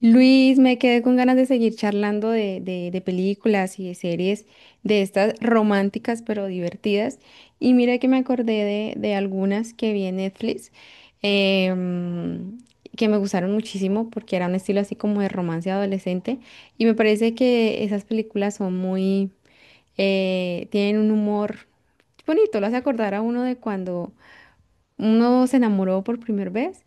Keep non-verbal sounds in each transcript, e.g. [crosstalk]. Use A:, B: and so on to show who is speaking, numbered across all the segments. A: Luis, me quedé con ganas de seguir charlando de películas y de series de estas románticas pero divertidas. Y mira que me acordé de algunas que vi en Netflix, em, que me gustaron muchísimo porque era un estilo así como de romance adolescente. Y me parece que esas películas son tienen un humor bonito, lo hace acordar a uno de cuando uno se enamoró por primera vez.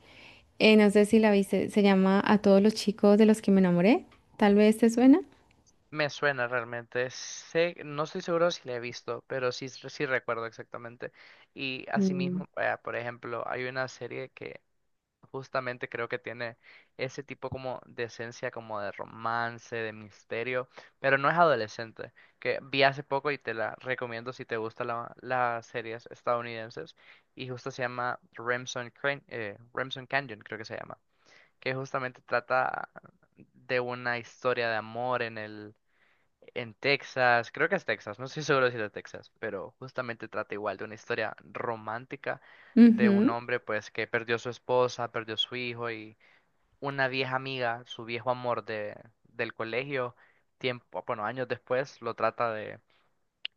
A: No sé si la viste, se llama A todos los chicos de los que me enamoré. Tal vez te suena.
B: Me suena realmente. Sé, no estoy seguro si la he visto, pero sí, sí recuerdo exactamente. Y
A: Mm.
B: asimismo, por ejemplo, hay una serie que justamente creo que tiene ese tipo como de esencia, como de romance, de misterio, pero no es adolescente, que vi hace poco y te la recomiendo si te gustan las series estadounidenses. Y justo se llama Remsen, Remsen Canyon, creo que se llama, que justamente trata de una historia de amor en Texas, creo que es Texas, no estoy seguro si es de Texas, pero justamente trata igual de una historia romántica de un hombre pues que perdió su esposa, perdió su hijo y una vieja amiga, su viejo amor del colegio, tiempo, bueno, años después lo trata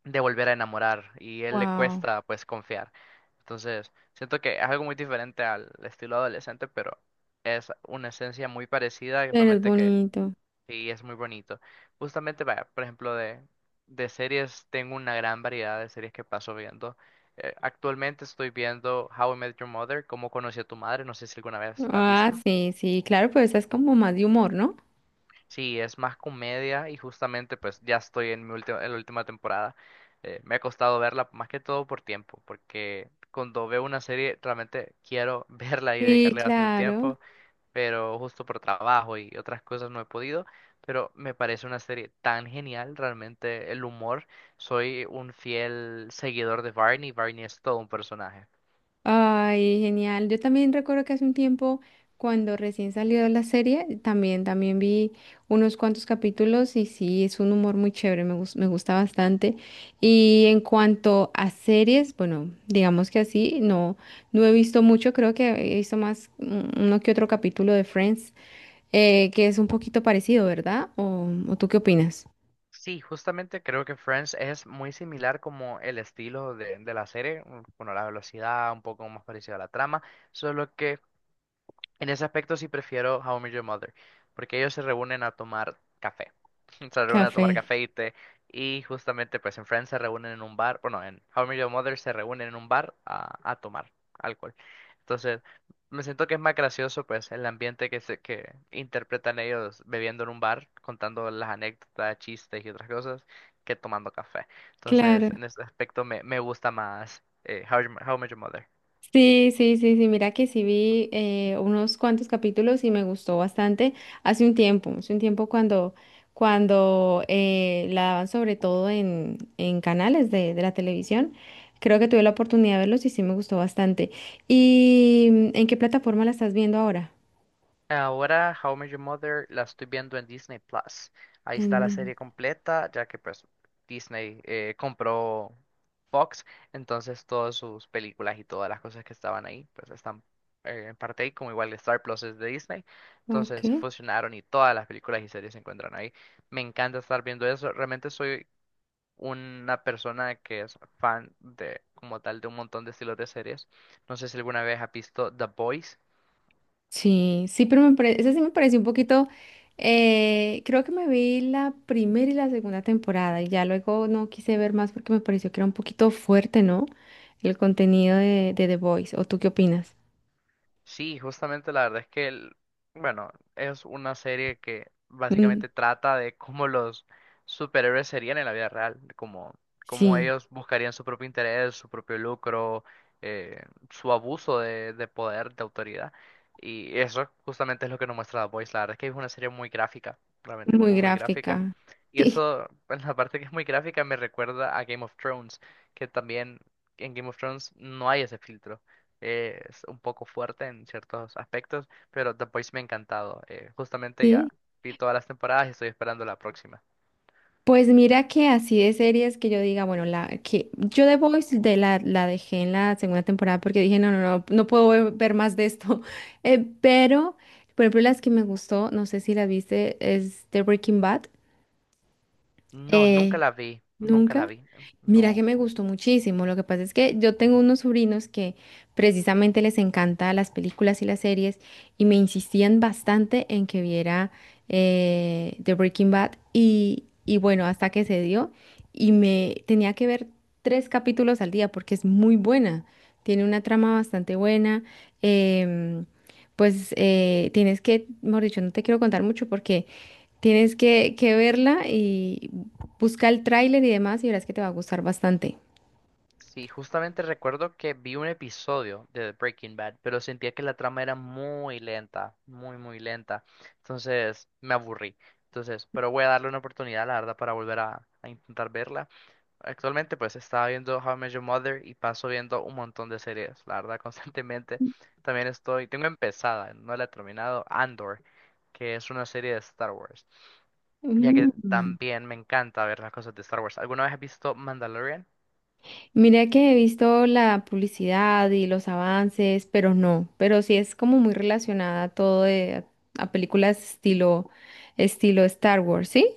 B: de volver a enamorar y él le
A: Wow.
B: cuesta pues confiar. Entonces, siento que es algo muy diferente al estilo adolescente, pero es una esencia muy parecida y
A: Pero es
B: realmente que...
A: bonito.
B: Sí, es muy bonito. Justamente, vaya, por ejemplo, de series, tengo una gran variedad de series que paso viendo. Actualmente estoy viendo How I Met Your Mother, Cómo conocí a tu madre, no sé si alguna vez la has
A: Ah,
B: visto.
A: sí, sí, claro, pero esa es como más de humor, ¿no?
B: Sí, es más comedia y justamente pues ya estoy en en la última temporada. Me ha costado verla más que todo por tiempo, porque cuando veo una serie realmente quiero [laughs] verla y
A: Sí,
B: dedicarle bastante
A: claro.
B: tiempo. Pero justo por trabajo y otras cosas no he podido, pero me parece una serie tan genial, realmente el humor, soy un fiel seguidor de Barney. Barney es todo un personaje.
A: Ay, genial. Yo también recuerdo que hace un tiempo, cuando recién salió la serie, también vi unos cuantos capítulos y sí, es un humor muy chévere, me gusta bastante. Y en cuanto a series, bueno, digamos que así, no, no he visto mucho, creo que he visto más uno que otro capítulo de Friends, que es un poquito parecido, ¿verdad? O tú qué opinas?
B: Sí, justamente creo que Friends es muy similar como el estilo de la serie, mm, bueno, la velocidad, un poco más parecido a la trama, solo que... En ese aspecto sí prefiero How I Met Your Mother, porque ellos se reúnen a tomar café. [laughs] Se reúnen a tomar
A: Café.
B: café y té, y justamente pues en Friends se reúnen en un bar. Bueno, en How I Met Your Mother se reúnen en un bar a tomar alcohol. Entonces, me siento que es más gracioso pues el ambiente que, se, que interpretan ellos bebiendo en un bar, contando las anécdotas, chistes y otras cosas, que tomando café.
A: Claro.
B: Entonces, en ese aspecto me gusta más How I Met How I Met Your Mother.
A: Sí, sí, sí, sí, mira que sí vi unos cuantos capítulos y me gustó bastante hace un tiempo cuando, cuando la daban sobre todo en canales de la televisión, creo que tuve la oportunidad de verlos y sí me gustó bastante. ¿Y en qué plataforma la estás viendo ahora?
B: Ahora, How I Met Your Mother la estoy viendo en Disney Plus. Ahí está la
A: En,
B: serie completa, ya que pues Disney compró Fox, entonces todas sus películas y todas las cosas que estaban ahí, pues están en parte ahí, como igual Star Plus es de Disney, entonces
A: ok.
B: fusionaron y todas las películas y series se encuentran ahí. Me encanta estar viendo eso, realmente soy una persona que es fan de como tal de un montón de estilos de series. No sé si alguna vez has visto The Boys.
A: Sí, sí, pero esa sí me pareció un poquito. Creo que me vi la primera y la segunda temporada y ya luego no quise ver más porque me pareció que era un poquito fuerte, ¿no? El contenido de The Voice. ¿O tú qué opinas?
B: Sí, justamente la verdad es que, bueno, es una serie que
A: Mm,
B: básicamente trata de cómo los superhéroes serían en la vida real, como cómo
A: sí,
B: ellos buscarían su propio interés, su propio lucro, eh, su abuso de poder, de autoridad. Y eso justamente es lo que nos muestra The Voice. La verdad es que es una serie muy gráfica, realmente
A: muy
B: muy, muy gráfica.
A: gráfica. [laughs]
B: Y
A: Sí,
B: eso, [laughs] en la parte que es muy gráfica, me recuerda a Game of Thrones, que también en Game of Thrones no hay ese filtro. Es un poco fuerte en ciertos aspectos, pero The Voice me ha encantado. Justamente ya
A: sí.
B: vi todas las temporadas y estoy esperando la próxima.
A: Pues mira que así de series que yo diga, bueno, la que yo The Voice la dejé en la segunda temporada porque dije, no, no, no, no puedo ver, ver más de esto. [laughs] Pero, por ejemplo, las que me gustó, no sé si las viste, es The Breaking Bad.
B: No,
A: Eh,
B: nunca la vi, nunca la
A: ¿Nunca?
B: vi.
A: Mira que
B: No.
A: me gustó muchísimo. Lo que pasa es que yo tengo unos sobrinos que precisamente les encanta las películas y las series y me insistían bastante en que viera The Breaking Bad y bueno, hasta que se dio y me tenía que ver tres capítulos al día porque es muy buena. Tiene una trama bastante buena. em, Tienes que, mejor dicho, no te quiero contar mucho porque... Tienes que verla y busca el tráiler y demás y verás que te va a gustar bastante.
B: Sí, justamente recuerdo que vi un episodio de Breaking Bad, pero sentía que la trama era muy lenta, muy, muy lenta. Entonces me aburrí. Entonces, pero voy a darle una oportunidad, la verdad, para volver a intentar verla. Actualmente pues estaba viendo How I Met Your Mother y paso viendo un montón de series, la verdad, [laughs] constantemente. También estoy, tengo empezada, no la he terminado, Andor, que es una serie de Star Wars, ya que
A: Mm.
B: también me encanta ver las cosas de Star Wars. ¿Alguna vez has visto Mandalorian?
A: Mira que he visto la publicidad y los avances, pero no, pero sí es como muy relacionada a todo de, a películas estilo, estilo Star Wars, ¿sí?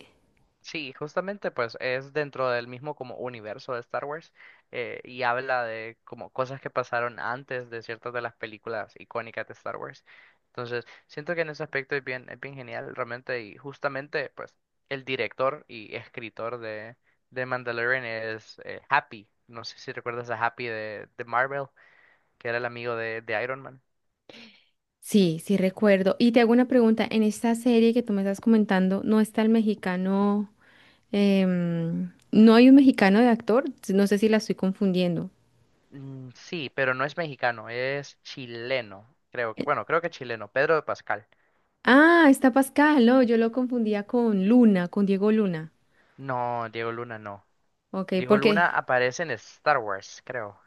B: Sí, justamente pues es dentro del mismo como universo de Star Wars y habla de como cosas que pasaron antes de ciertas de las películas icónicas de Star Wars. Entonces, siento que en ese aspecto es bien genial realmente y justamente pues el director y escritor de Mandalorian es Happy. No sé si recuerdas a Happy de Marvel, que era el amigo de Iron Man.
A: Sí, sí recuerdo. Y te hago una pregunta, en esta serie que tú me estás comentando, ¿no está el mexicano, no hay un mexicano de actor? No sé si la estoy confundiendo.
B: Mm, sí, pero no es mexicano, es chileno, creo.
A: Eh,
B: Bueno, creo que chileno, Pedro Pascal.
A: Ah, está Pascal, no, yo lo confundía con Luna, con Diego Luna.
B: No, Diego Luna no.
A: Ok,
B: Diego
A: porque
B: Luna aparece en Star Wars, creo.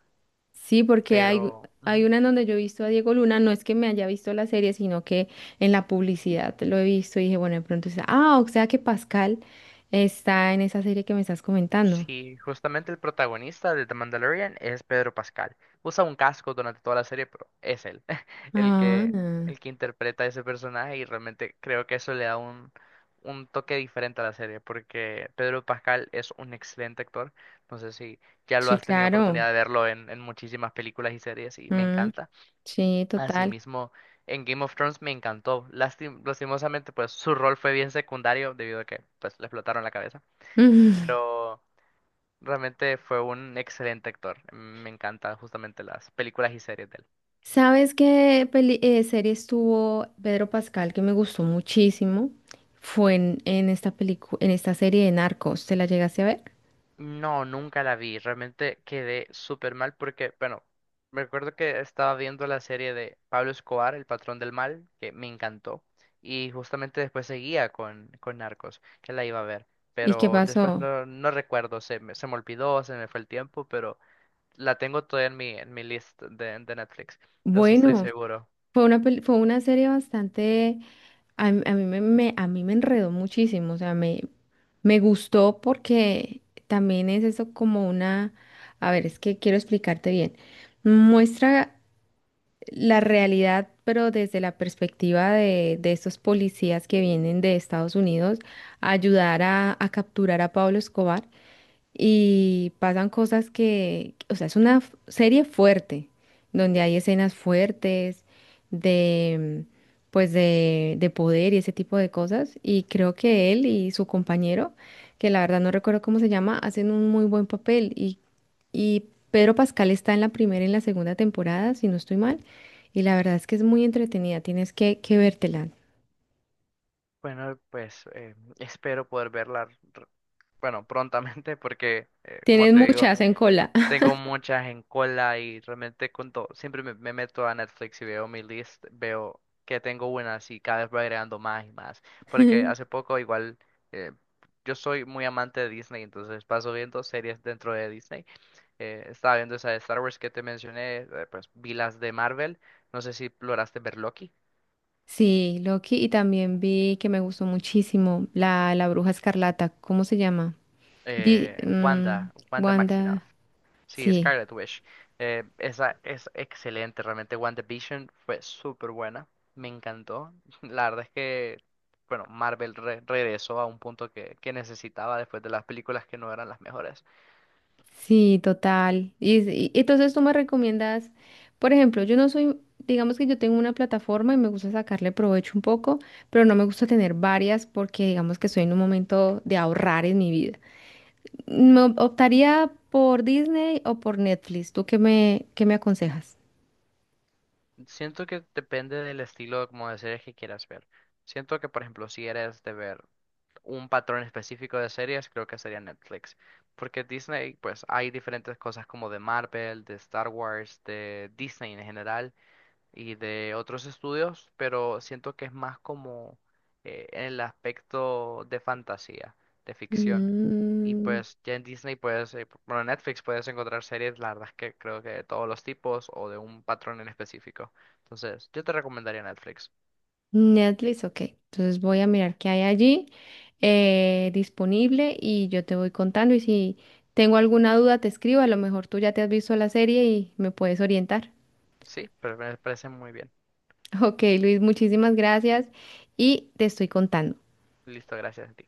A: sí, porque hay,
B: Pero
A: hay
B: ujú.
A: una en donde yo he visto a Diego Luna, no es que me haya visto la serie, sino que en la publicidad lo he visto y dije, bueno, de pronto está, ah, o sea que Pascal está en esa serie que me estás comentando.
B: Sí, justamente el protagonista de The Mandalorian es Pedro Pascal. Usa un casco durante toda la serie, pero es él [laughs] el
A: Ah,
B: que, el que interpreta ese personaje y realmente creo que eso le da un toque diferente a la serie, porque Pedro Pascal es un excelente actor. No sé si ya lo
A: sí,
B: has tenido
A: claro.
B: oportunidad de verlo en muchísimas películas y series y me
A: Mm,
B: encanta.
A: sí, total. [laughs]
B: Asimismo, en Game of Thrones me encantó. Lastimosamente, pues su rol fue bien secundario debido a que pues le explotaron la cabeza.
A: Mm.
B: Pero realmente fue un excelente actor. Me encantan justamente las películas y series de él.
A: ¿Sabes qué serie estuvo Pedro Pascal que me gustó muchísimo? Fue en esta película, en esta serie de Narcos. ¿Te la llegaste a ver?
B: No, nunca la vi. Realmente quedé súper mal porque, bueno, me acuerdo que estaba viendo la serie de Pablo Escobar, El Patrón del Mal, que me encantó. Y justamente después seguía con Narcos, que la iba a ver.
A: ¿Y qué
B: Pero después
A: pasó?
B: no, no recuerdo, se me olvidó, se me fue el tiempo, pero la tengo todavía en en mi list de Netflix. De eso estoy
A: Bueno,
B: seguro.
A: fue fue una serie bastante, a mí me enredó muchísimo, o sea, me gustó porque también es eso como una, a ver, es que quiero explicarte bien, muestra la realidad, pero desde la perspectiva de estos policías que vienen de Estados Unidos a ayudar a capturar a Pablo Escobar y pasan cosas que, o sea, es una serie fuerte, donde hay escenas fuertes de, de poder y ese tipo de cosas. Y creo que él y su compañero, que la verdad no recuerdo cómo se llama, hacen un muy buen papel. Y Pedro Pascal está en la primera y en la segunda temporada, si no estoy mal. Y la verdad es que es muy entretenida, tienes que vértela.
B: Bueno, pues espero poder verla, r- bueno, prontamente porque, como
A: Tienes
B: te digo...
A: muchas en cola.
B: Tengo muchas en cola y realmente con siempre me meto a Netflix y veo mi list, veo que tengo buenas y cada vez voy agregando más y más. Porque
A: [laughs]
B: hace poco igual, eh, yo soy muy amante de Disney, entonces paso viendo series dentro de Disney. Estaba viendo esa de Star Wars que te mencioné, pues vi las de Marvel, no sé si lograste ver Loki,
A: Sí, Loki, y también vi que me gustó muchísimo la Bruja Escarlata, ¿cómo se llama? Vi, mm,
B: Wanda, Wanda Maximoff.
A: Wanda,
B: Sí,
A: sí,
B: Scarlet Witch. Esa es excelente, realmente WandaVision fue súper buena, me encantó. [laughs] La verdad es que, bueno, Marvel regresó a un punto que necesitaba después de las películas que no eran las mejores.
A: sí, total. Entonces tú me recomiendas, por ejemplo, yo no soy, digamos que yo tengo una plataforma y me gusta sacarle provecho un poco, pero no me gusta tener varias porque digamos que estoy en un momento de ahorrar en mi vida. Optaría por Disney o por Netflix, ¿tú qué me aconsejas?
B: Siento que depende del estilo como de series que quieras ver. Siento que, por ejemplo, si eres de ver un patrón específico de series, creo que sería Netflix. Porque Disney, pues hay diferentes cosas como de Marvel, de Star Wars, de Disney en general y de otros estudios, pero siento que es más como en el aspecto de fantasía, de ficción. Y
A: Mm,
B: pues ya en Disney puedes, bueno, en Netflix puedes encontrar series, la verdad es que creo que de todos los tipos o de un patrón en específico. Entonces, yo te recomendaría Netflix.
A: Netflix, ok. Entonces voy a mirar qué hay allí disponible y yo te voy contando. Y si tengo alguna duda, te escribo. A lo mejor tú ya te has visto la serie y me puedes orientar. [laughs]
B: Sí, pero me parece muy bien.
A: Ok, Luis, muchísimas gracias y te estoy contando.
B: Listo, gracias a ti.